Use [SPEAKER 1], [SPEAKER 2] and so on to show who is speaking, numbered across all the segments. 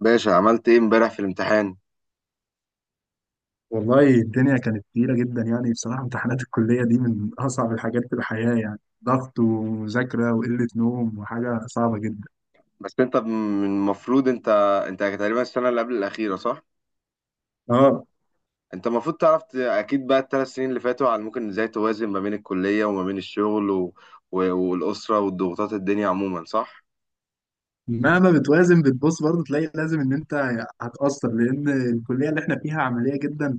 [SPEAKER 1] باشا عملت ايه امبارح في الامتحان؟
[SPEAKER 2] والله الدنيا كانت تقيلة جدا، يعني بصراحة امتحانات الكلية دي من أصعب الحاجات في الحياة، يعني ضغط ومذاكرة وقلة نوم وحاجة صعبة جدا.
[SPEAKER 1] بس انت من المفروض انت تقريبا السنه اللي قبل الاخيره صح؟
[SPEAKER 2] اه.
[SPEAKER 1] انت المفروض تعرف اكيد بقى الثلاث سنين اللي فاتوا على ممكن ازاي توازن ما بين الكليه وما بين الشغل والاسره والضغوطات الدنيا عموما صح؟
[SPEAKER 2] مهما بتوازن بتبص برضه تلاقي لازم إن أنت هتأثر، لأن الكلية اللي إحنا فيها عملية جدا،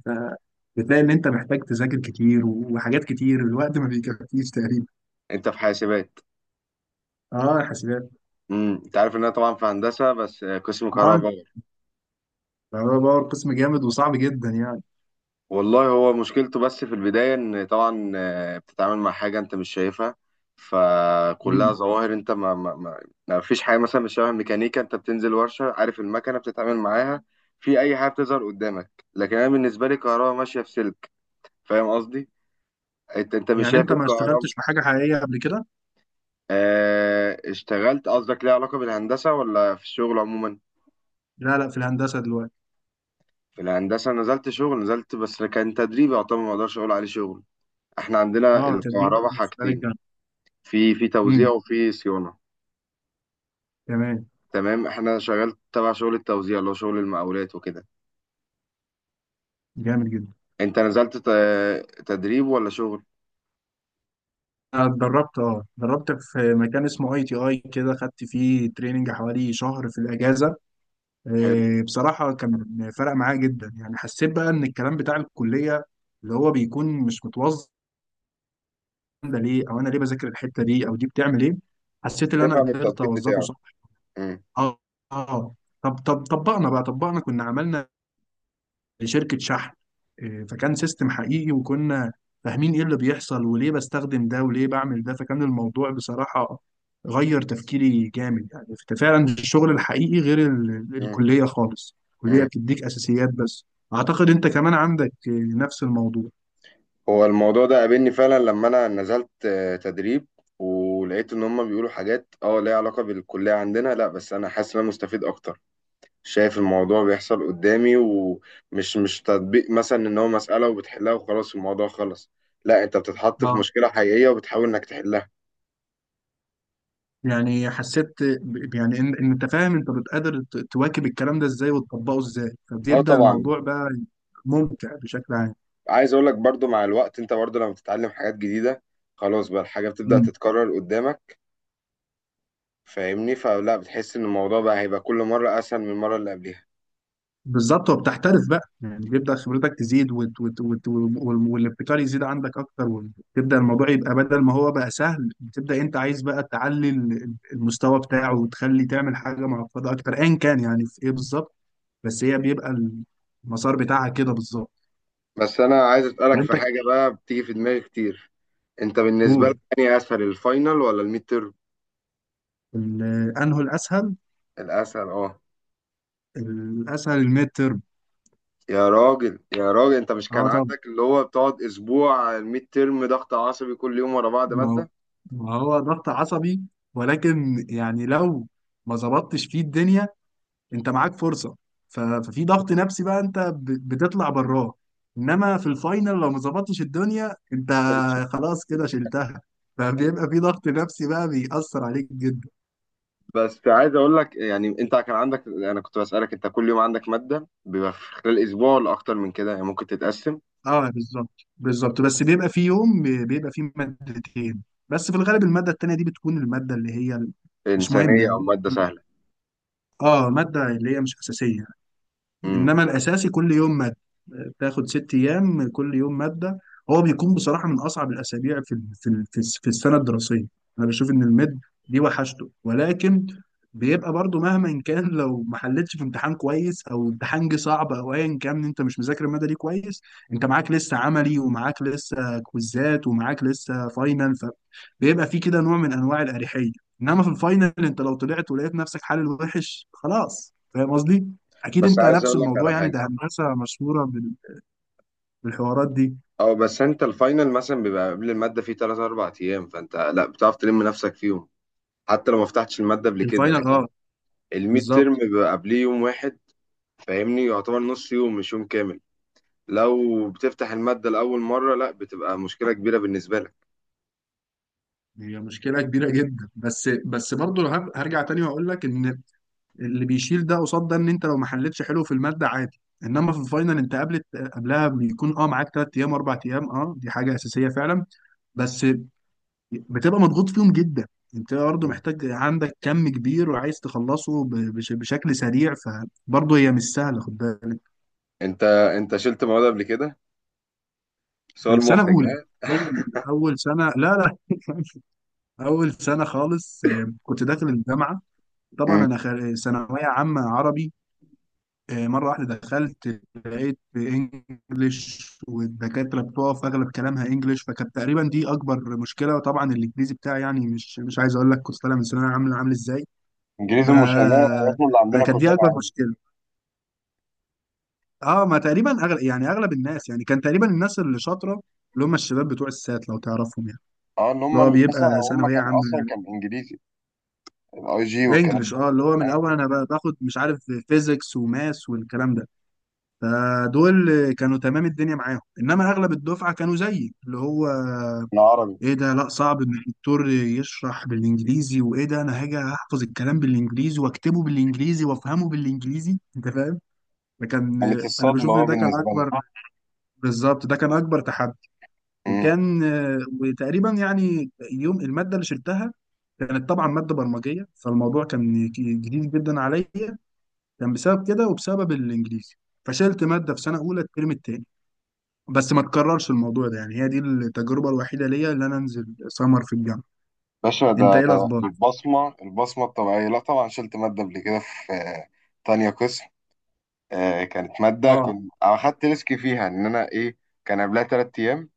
[SPEAKER 2] فبتلاقي إن أنت محتاج تذاكر كتير وحاجات كتير، الوقت ما بيكفيش تقريبا.
[SPEAKER 1] انت في حاسبات؟
[SPEAKER 2] اه، حاسبات.
[SPEAKER 1] انت عارف ان انا طبعا في هندسه بس قسم
[SPEAKER 2] اه،
[SPEAKER 1] كهرباء.
[SPEAKER 2] ده هو باور، قسم جامد وصعب جدا يعني.
[SPEAKER 1] والله هو مشكلته بس في البداية إن طبعا بتتعامل مع حاجة أنت مش شايفها. فكلها
[SPEAKER 2] مم.
[SPEAKER 1] ظواهر أنت ما فيش حاجة مثلا مش شبه الميكانيكا. أنت بتنزل ورشة عارف المكنة بتتعامل معاها في أي حاجة بتظهر قدامك، لكن أنا بالنسبة لي الكهرباء ماشية في سلك. فاهم قصدي؟ أنت مش
[SPEAKER 2] يعني
[SPEAKER 1] شايف
[SPEAKER 2] أنت ما
[SPEAKER 1] الكهرباء.
[SPEAKER 2] اشتغلتش في حاجة حقيقية قبل كده؟
[SPEAKER 1] آه اشتغلت، قصدك ليه علاقة بالهندسة ولا في الشغل عموما؟
[SPEAKER 2] لا، لا، في الهندسة دلوقتي.
[SPEAKER 1] في الهندسة نزلت شغل، نزلت بس كان تدريب يعتبر، ما أقدرش أقول عليه شغل. إحنا عندنا
[SPEAKER 2] اه، تدريب
[SPEAKER 1] الكهرباء
[SPEAKER 2] في خارج.
[SPEAKER 1] حاجتين. في توزيع وفي صيانة.
[SPEAKER 2] تمام.
[SPEAKER 1] تمام احنا شغال تبع شغل التوزيع اللي هو شغل المقاولات وكده.
[SPEAKER 2] جامد جدا.
[SPEAKER 1] انت نزلت تدريب ولا شغل؟
[SPEAKER 2] أنا اتدربت في مكان اسمه اي تي اي، كده خدت فيه تريننج حوالي شهر في الاجازه.
[SPEAKER 1] حلو.
[SPEAKER 2] بصراحه كان فرق معايا جدا، يعني حسيت بقى ان الكلام بتاع الكليه اللي هو بيكون مش متوظف، ده ليه، او انا ليه بذاكر الحته دي، او دي بتعمل ايه. حسيت ان انا
[SPEAKER 1] تفهم
[SPEAKER 2] قدرت
[SPEAKER 1] التطبيق
[SPEAKER 2] اوظفه
[SPEAKER 1] بتاعه.
[SPEAKER 2] صح.
[SPEAKER 1] مم.
[SPEAKER 2] اه. اه. طب طب طبقنا كنا عملنا لشركة شحن. فكان سيستم حقيقي وكنا فاهمين ايه اللي بيحصل وليه بستخدم ده وليه بعمل ده، فكان الموضوع بصراحة غير تفكيري جامد يعني. فعلا الشغل الحقيقي غير
[SPEAKER 1] مم.
[SPEAKER 2] الكلية خالص، الكلية
[SPEAKER 1] مم.
[SPEAKER 2] بتديك أساسيات بس. أعتقد أنت كمان عندك نفس الموضوع.
[SPEAKER 1] هو الموضوع ده قابلني فعلا لما انا نزلت تدريب. ولقيت ان هم بيقولوا حاجات اه ليها علاقة بالكلية عندنا، لا بس انا حاسس ان انا مستفيد اكتر. شايف الموضوع بيحصل قدامي ومش مش تطبيق مثلا ان هو مسألة وبتحلها وخلاص الموضوع خلص. لا انت بتتحط في
[SPEAKER 2] اه.
[SPEAKER 1] مشكلة حقيقية وبتحاول انك تحلها.
[SPEAKER 2] يعني حسيت يعني إن أنت فاهم أنت بتقدر تواكب الكلام ده إزاي وتطبقه إزاي،
[SPEAKER 1] اه
[SPEAKER 2] فبيبدأ
[SPEAKER 1] طبعا.
[SPEAKER 2] الموضوع بقى ممتع بشكل عام.
[SPEAKER 1] عايز اقول لك برضو مع الوقت، انت برضو لما بتتعلم حاجات جديده خلاص بقى الحاجه بتبدا تتكرر قدامك. فاهمني؟ فلا بتحس ان الموضوع بقى هيبقى كل مره اسهل من المره اللي قبلها.
[SPEAKER 2] بالظبط، وبتحترف بقى، يعني بيبدأ خبرتك تزيد والابتكار يزيد عندك أكتر، وتبدأ الموضوع يبقى بدل ما هو بقى سهل، بتبدأ أنت عايز بقى تعلي المستوى بتاعه وتخلي تعمل حاجة معقدة أكتر أيا كان يعني في إيه بالظبط. بس هي بيبقى المسار بتاعها كده بالظبط.
[SPEAKER 1] بس انا عايز اسالك
[SPEAKER 2] فأنت
[SPEAKER 1] في حاجه بقى بتيجي في دماغي كتير. انت بالنسبه لك
[SPEAKER 2] تقول
[SPEAKER 1] يعني اسهل الفاينل ولا الميد تيرم؟
[SPEAKER 2] أنه الأسهل.
[SPEAKER 1] الاسهل اه.
[SPEAKER 2] الأسهل الميد ترم.
[SPEAKER 1] يا راجل يا راجل، انت مش كان
[SPEAKER 2] أه، طبعا.
[SPEAKER 1] عندك اللي هو بتقعد اسبوع على الميد تيرم ضغط عصبي كل يوم ورا بعض
[SPEAKER 2] ما هو
[SPEAKER 1] ماده؟
[SPEAKER 2] ما هو ضغط عصبي، ولكن يعني لو ما ظبطتش فيه الدنيا انت معاك فرصه، ففي ضغط نفسي بقى، انت بتطلع براه. انما في الفاينل لو ما ظبطتش الدنيا انت
[SPEAKER 1] انت
[SPEAKER 2] خلاص كده شلتها، فبيبقى في ضغط نفسي بقى بيأثر عليك جدا.
[SPEAKER 1] بس عايز اقول لك يعني، انت كان عندك، انا كنت بسألك انت كل يوم عندك مادة بيبقى في خلال اسبوع ولا اكتر من كده يعني ممكن تتقسم؟
[SPEAKER 2] اه، بالظبط بالظبط، بس بيبقى في يوم بيبقى فيه مادتين. بس في الغالب الماده التانيه دي بتكون الماده اللي هي مش مهمه
[SPEAKER 1] انسانية او
[SPEAKER 2] يعني.
[SPEAKER 1] مادة سهلة.
[SPEAKER 2] اه، ماده اللي هي مش اساسيه.
[SPEAKER 1] امم.
[SPEAKER 2] انما الاساسي كل يوم ماده، بتاخد 6 ايام كل يوم ماده، هو بيكون بصراحه من اصعب الاسابيع في السنه الدراسيه. انا بشوف ان الميد دي وحشته، ولكن بيبقى برضو مهما كان لو ما حلتش في امتحان كويس، او امتحان جه صعب، او ايا كان انت مش مذاكر الماده دي كويس. انت معاك لسه عملي، ومعاك لسه كويزات، ومعاك لسه فاينل، فبيبقى في كده نوع من انواع الاريحيه. انما في الفاينل انت لو طلعت ولقيت نفسك حل وحش خلاص، فاهم قصدي؟ اكيد
[SPEAKER 1] بس
[SPEAKER 2] انت
[SPEAKER 1] عايز
[SPEAKER 2] نفس
[SPEAKER 1] اقول لك
[SPEAKER 2] الموضوع،
[SPEAKER 1] على
[SPEAKER 2] يعني
[SPEAKER 1] حاجة.
[SPEAKER 2] ده هندسه مشهوره بالحوارات دي.
[SPEAKER 1] اه بس انت الفاينل مثلا بيبقى قبل المادة فيه 3 4 ايام، فانت لا بتعرف تلم نفسك فيهم حتى لو ما فتحتش المادة قبل كده.
[SPEAKER 2] الفاينل
[SPEAKER 1] لكن
[SPEAKER 2] اه
[SPEAKER 1] الميد ترم
[SPEAKER 2] بالظبط.
[SPEAKER 1] بيبقى قبليه يوم واحد. فاهمني؟ يعتبر نص يوم مش يوم كامل. لو بتفتح المادة لأول مرة لا بتبقى مشكلة كبيرة بالنسبة لك.
[SPEAKER 2] هي مشكله كبيره جدا، بس برضه هرجع تاني واقول لك ان اللي بيشيل ده قصاد ده ان انت لو ما حلتش حلو في الماده عادي، انما في الفاينل انت قبلها بيكون معاك 3 ايام 4 ايام، دي حاجه اساسيه فعلا. بس بتبقى مضغوط فيهم جدا، انت برضه
[SPEAKER 1] مم.
[SPEAKER 2] محتاج عندك كم كبير وعايز تخلصه بشكل سريع، فبرضه هي مش سهله خد بالك.
[SPEAKER 1] انت انت شلت مواد قبل كده؟ سؤال
[SPEAKER 2] سنة
[SPEAKER 1] محرج.
[SPEAKER 2] أولى، أول أول سنة، لا، لا، أول سنة خالص، كنت داخل الجامعة. طبعا
[SPEAKER 1] مم.
[SPEAKER 2] أنا ثانوية عامة عربي. مرة واحدة دخلت لقيت إنجليش، والدكاترة بتقف أغلب كلامها إنجليش، فكانت تقريبا دي أكبر مشكلة، وطبعا الإنجليزي بتاعي يعني مش عايز أقول لك كنت طالع من ثانوية عامة عامل إزاي. ف
[SPEAKER 1] انجليزي مش أمريكي، اصلا اللي عندنا
[SPEAKER 2] فكانت دي
[SPEAKER 1] كلنا
[SPEAKER 2] أكبر
[SPEAKER 1] عادي.
[SPEAKER 2] مشكلة. أه، ما تقريبا أغلب الناس، يعني كان تقريبا الناس اللي شاطرة، اللي هم الشباب بتوع السات لو تعرفهم يعني،
[SPEAKER 1] اه اللي هم.
[SPEAKER 2] اللي هو
[SPEAKER 1] مثلا
[SPEAKER 2] بيبقى
[SPEAKER 1] هم
[SPEAKER 2] ثانوية
[SPEAKER 1] كان
[SPEAKER 2] عامة
[SPEAKER 1] اصلا كان انجليزي الاي جي والكلام
[SPEAKER 2] انجلش،
[SPEAKER 1] ده.
[SPEAKER 2] اللي هو من
[SPEAKER 1] فاهم؟
[SPEAKER 2] الاول انا باخد مش عارف فيزيكس وماس والكلام ده. فدول كانوا تمام الدنيا معاهم، انما اغلب الدفعه كانوا زيي، اللي هو
[SPEAKER 1] احنا عربي.
[SPEAKER 2] ايه ده، لا صعب ان الدكتور يشرح بالانجليزي، وايه ده انا هاجي احفظ الكلام بالانجليزي واكتبه بالانجليزي وافهمه بالانجليزي انت فاهم. فكان
[SPEAKER 1] كانت
[SPEAKER 2] انا
[SPEAKER 1] الصدمه
[SPEAKER 2] بشوف ان
[SPEAKER 1] بقى
[SPEAKER 2] ده كان
[SPEAKER 1] بالنسبه لنا.
[SPEAKER 2] اكبر، بالظبط ده كان اكبر تحدي،
[SPEAKER 1] مم.
[SPEAKER 2] وكان وتقريبا يعني يوم الماده اللي شلتها كانت طبعا ماده برمجيه، فالموضوع كان جديد جدا عليا، كان بسبب كده وبسبب الانجليزي، فشلت ماده في سنه اولى الترم التاني. بس ما تكررش الموضوع ده يعني، هي دي التجربه الوحيده ليا اللي انا انزل سمر في الجامعه.
[SPEAKER 1] باشا ده
[SPEAKER 2] انت ايه
[SPEAKER 1] ده
[SPEAKER 2] الاخبار؟
[SPEAKER 1] البصمه البصمه الطبيعيه، لا طبعا شلت ماده قبل كده في تانية قسم. كانت ماده
[SPEAKER 2] اه،
[SPEAKER 1] كنت اخدت ريسك فيها ان انا ايه. كان قبلها تلات ايام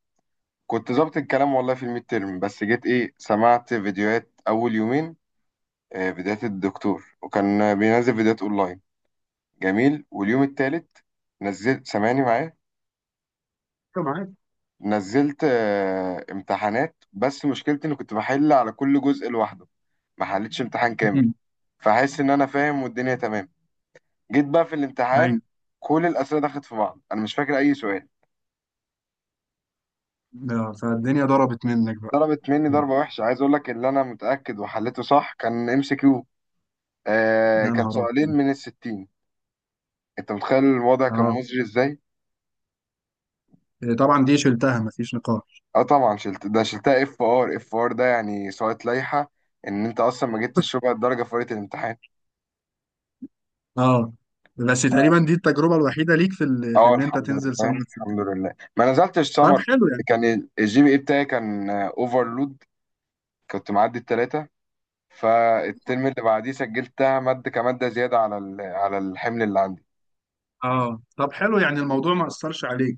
[SPEAKER 1] كنت ظابط الكلام والله في الميد تيرم، بس جيت ايه سمعت فيديوهات اول يومين. فيديوهات الدكتور وكان بينزل فيديوهات اونلاين. جميل. واليوم التالت نزلت، سامعني معايا؟
[SPEAKER 2] أيوة معاك.
[SPEAKER 1] نزلت امتحانات، بس مشكلتي اني كنت بحل على كل جزء لوحده، ما حلتش امتحان كامل.
[SPEAKER 2] مم.
[SPEAKER 1] فحس ان انا فاهم والدنيا تمام. جيت بقى في الامتحان،
[SPEAKER 2] ايوه.
[SPEAKER 1] كل الاسئله دخلت في بعض انا مش فاكر اي سؤال.
[SPEAKER 2] فالدنيا ضربت منك بقى.
[SPEAKER 1] ضربت مني
[SPEAKER 2] مم.
[SPEAKER 1] ضربه وحشه. عايز اقول لك اللي انا متاكد وحلته صح كان ام سي كيو. آه
[SPEAKER 2] يا
[SPEAKER 1] كان
[SPEAKER 2] نهار
[SPEAKER 1] سؤالين
[SPEAKER 2] ابيض.
[SPEAKER 1] من الستين. انت متخيل الوضع كان
[SPEAKER 2] اه.
[SPEAKER 1] مزري ازاي.
[SPEAKER 2] إيه، طبعا دي شلتها مفيش نقاش.
[SPEAKER 1] اه طبعا شلت، ده شلتها اف ار، اف ار ده يعني سقط لائحة، ان انت اصلا ما جبتش ربع الدرجة في ورقة الامتحان.
[SPEAKER 2] اه، بس تقريبا دي التجربه الوحيده ليك في
[SPEAKER 1] اه
[SPEAKER 2] ان انت
[SPEAKER 1] الحمد
[SPEAKER 2] تنزل
[SPEAKER 1] لله
[SPEAKER 2] سمر في الجامعه.
[SPEAKER 1] الحمد لله ما نزلتش
[SPEAKER 2] طب
[SPEAKER 1] سمر.
[SPEAKER 2] حلو يعني.
[SPEAKER 1] كان الجي بي اي بتاعي كان اوفرلود، كنت معدي التلاتة. فالترم اللي بعديه سجلتها مادة كمادة زيادة على على الحمل اللي عندي.
[SPEAKER 2] اه، طب حلو يعني الموضوع ما اثرش عليك.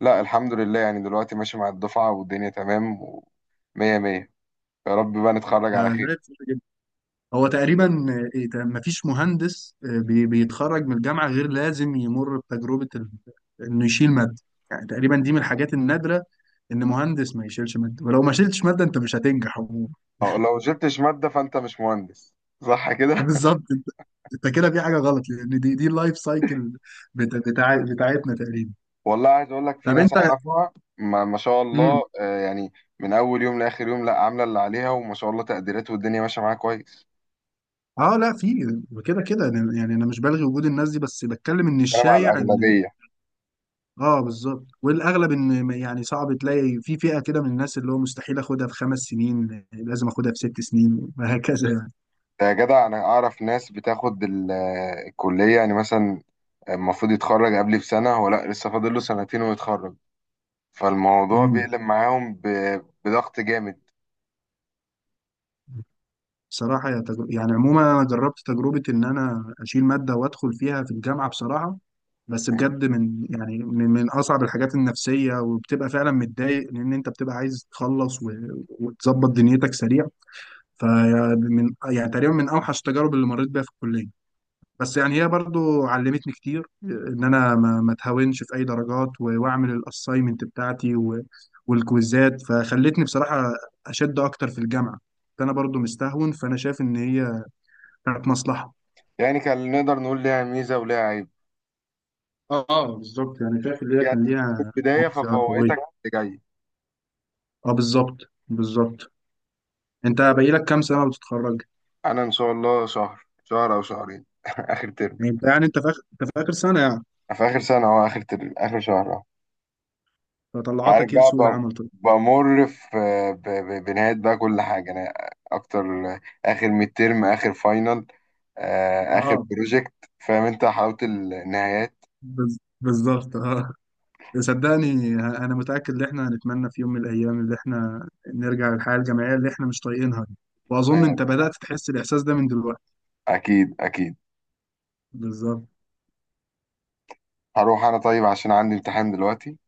[SPEAKER 1] لا الحمد لله، يعني دلوقتي ماشي مع الدفعة والدنيا تمام ومية مية. يا رب بقى نتخرج على
[SPEAKER 2] ده
[SPEAKER 1] خير.
[SPEAKER 2] ده هو تقريبا، مفيش مهندس بيتخرج من الجامعة غير لازم يمر بتجربة انه يشيل مادة. يعني تقريبا دي من الحاجات النادرة، ان مهندس ما يشيلش مادة، ولو ما شيلتش مادة انت مش هتنجح عموما.
[SPEAKER 1] اه لو جبتش مادة فانت مش مهندس. صح كده.
[SPEAKER 2] بالظبط، انت كده في حاجة غلط، لان دي اللايف سايكل بتاعتنا تقريبا.
[SPEAKER 1] والله عايز اقول لك، في
[SPEAKER 2] طب
[SPEAKER 1] ناس
[SPEAKER 2] انت.
[SPEAKER 1] اعرفها ما شاء
[SPEAKER 2] امم
[SPEAKER 1] الله يعني من اول يوم لاخر يوم لا عامله اللي عليها، وما شاء الله تقديرات والدنيا ماشيه معاها كويس.
[SPEAKER 2] اه لا، في كده كده، يعني انا مش بلغي وجود الناس دي، بس بتكلم ان
[SPEAKER 1] انا مع
[SPEAKER 2] الشايع ان،
[SPEAKER 1] الاغلبيه.
[SPEAKER 2] اه، بالظبط، والاغلب ان يعني صعب تلاقي في فئه كده من الناس اللي هو مستحيل اخدها في 5 سنين، لازم اخدها في 6 سنين، وهكذا يعني.
[SPEAKER 1] ده يا جدع انا اعرف ناس بتاخد الكليه، يعني مثلا المفروض يتخرج قبلي بسنه، هو لا لسه فاضل له سنتين ويتخرج. فالموضوع
[SPEAKER 2] امم
[SPEAKER 1] بيقلب معاهم بضغط جامد.
[SPEAKER 2] بصراحه يعني عموما انا جربت تجربه ان انا اشيل ماده وادخل فيها في الجامعه بصراحه، بس بجد من اصعب الحاجات النفسيه، وبتبقى فعلا متضايق، لان انت بتبقى عايز تخلص وتظبط دنيتك سريع. فمن يعني تقريبا من اوحش التجارب اللي مريت بيها في الكليه، بس يعني هي برضو علمتني كتير ان انا ما اتهاونش في اي درجات واعمل الاساينمنت بتاعتي والكويزات، فخلتني بصراحه اشد اكتر في الجامعه. فانا برضو مستهون، فانا شايف ان هي كانت مصلحه.
[SPEAKER 1] يعني كان نقدر نقول ليها ميزه وليها عيب
[SPEAKER 2] اه، بالظبط يعني شايف ان هي
[SPEAKER 1] يعني.
[SPEAKER 2] كان
[SPEAKER 1] في
[SPEAKER 2] ليها
[SPEAKER 1] البدايه
[SPEAKER 2] ميزه قويه.
[SPEAKER 1] ففوقتك اللي جاي.
[SPEAKER 2] اه، بالظبط بالظبط، انت باقي لك كام سنه وتتخرج؟
[SPEAKER 1] انا ان شاء الله شهر او شهرين اخر ترم.
[SPEAKER 2] يعني انت في اخر سنه يعني.
[SPEAKER 1] في آخر سنة أو آخر شهر أهو. فعارف
[SPEAKER 2] فطلعتك ايه
[SPEAKER 1] بقى
[SPEAKER 2] لسوق العمل طيب؟
[SPEAKER 1] بمر في بنهاية بقى كل حاجة. أنا أكتر، آخر ميد ترم، آخر فاينل، آخر
[SPEAKER 2] اه،
[SPEAKER 1] بروجكت. فاهم أنت حلاوة النهايات.
[SPEAKER 2] بالظبط اه. صدقني انا متاكد ان احنا هنتمنى في يوم من الايام اللي احنا نرجع للحياه الجامعيه اللي احنا مش طايقينها دي، واظن
[SPEAKER 1] أيوة
[SPEAKER 2] انت
[SPEAKER 1] طبعا.
[SPEAKER 2] بدات تحس الاحساس ده من دلوقتي.
[SPEAKER 1] أكيد أكيد.
[SPEAKER 2] بالظبط،
[SPEAKER 1] هروح أنا طيب عشان عندي امتحان دلوقتي.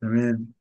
[SPEAKER 2] تمام.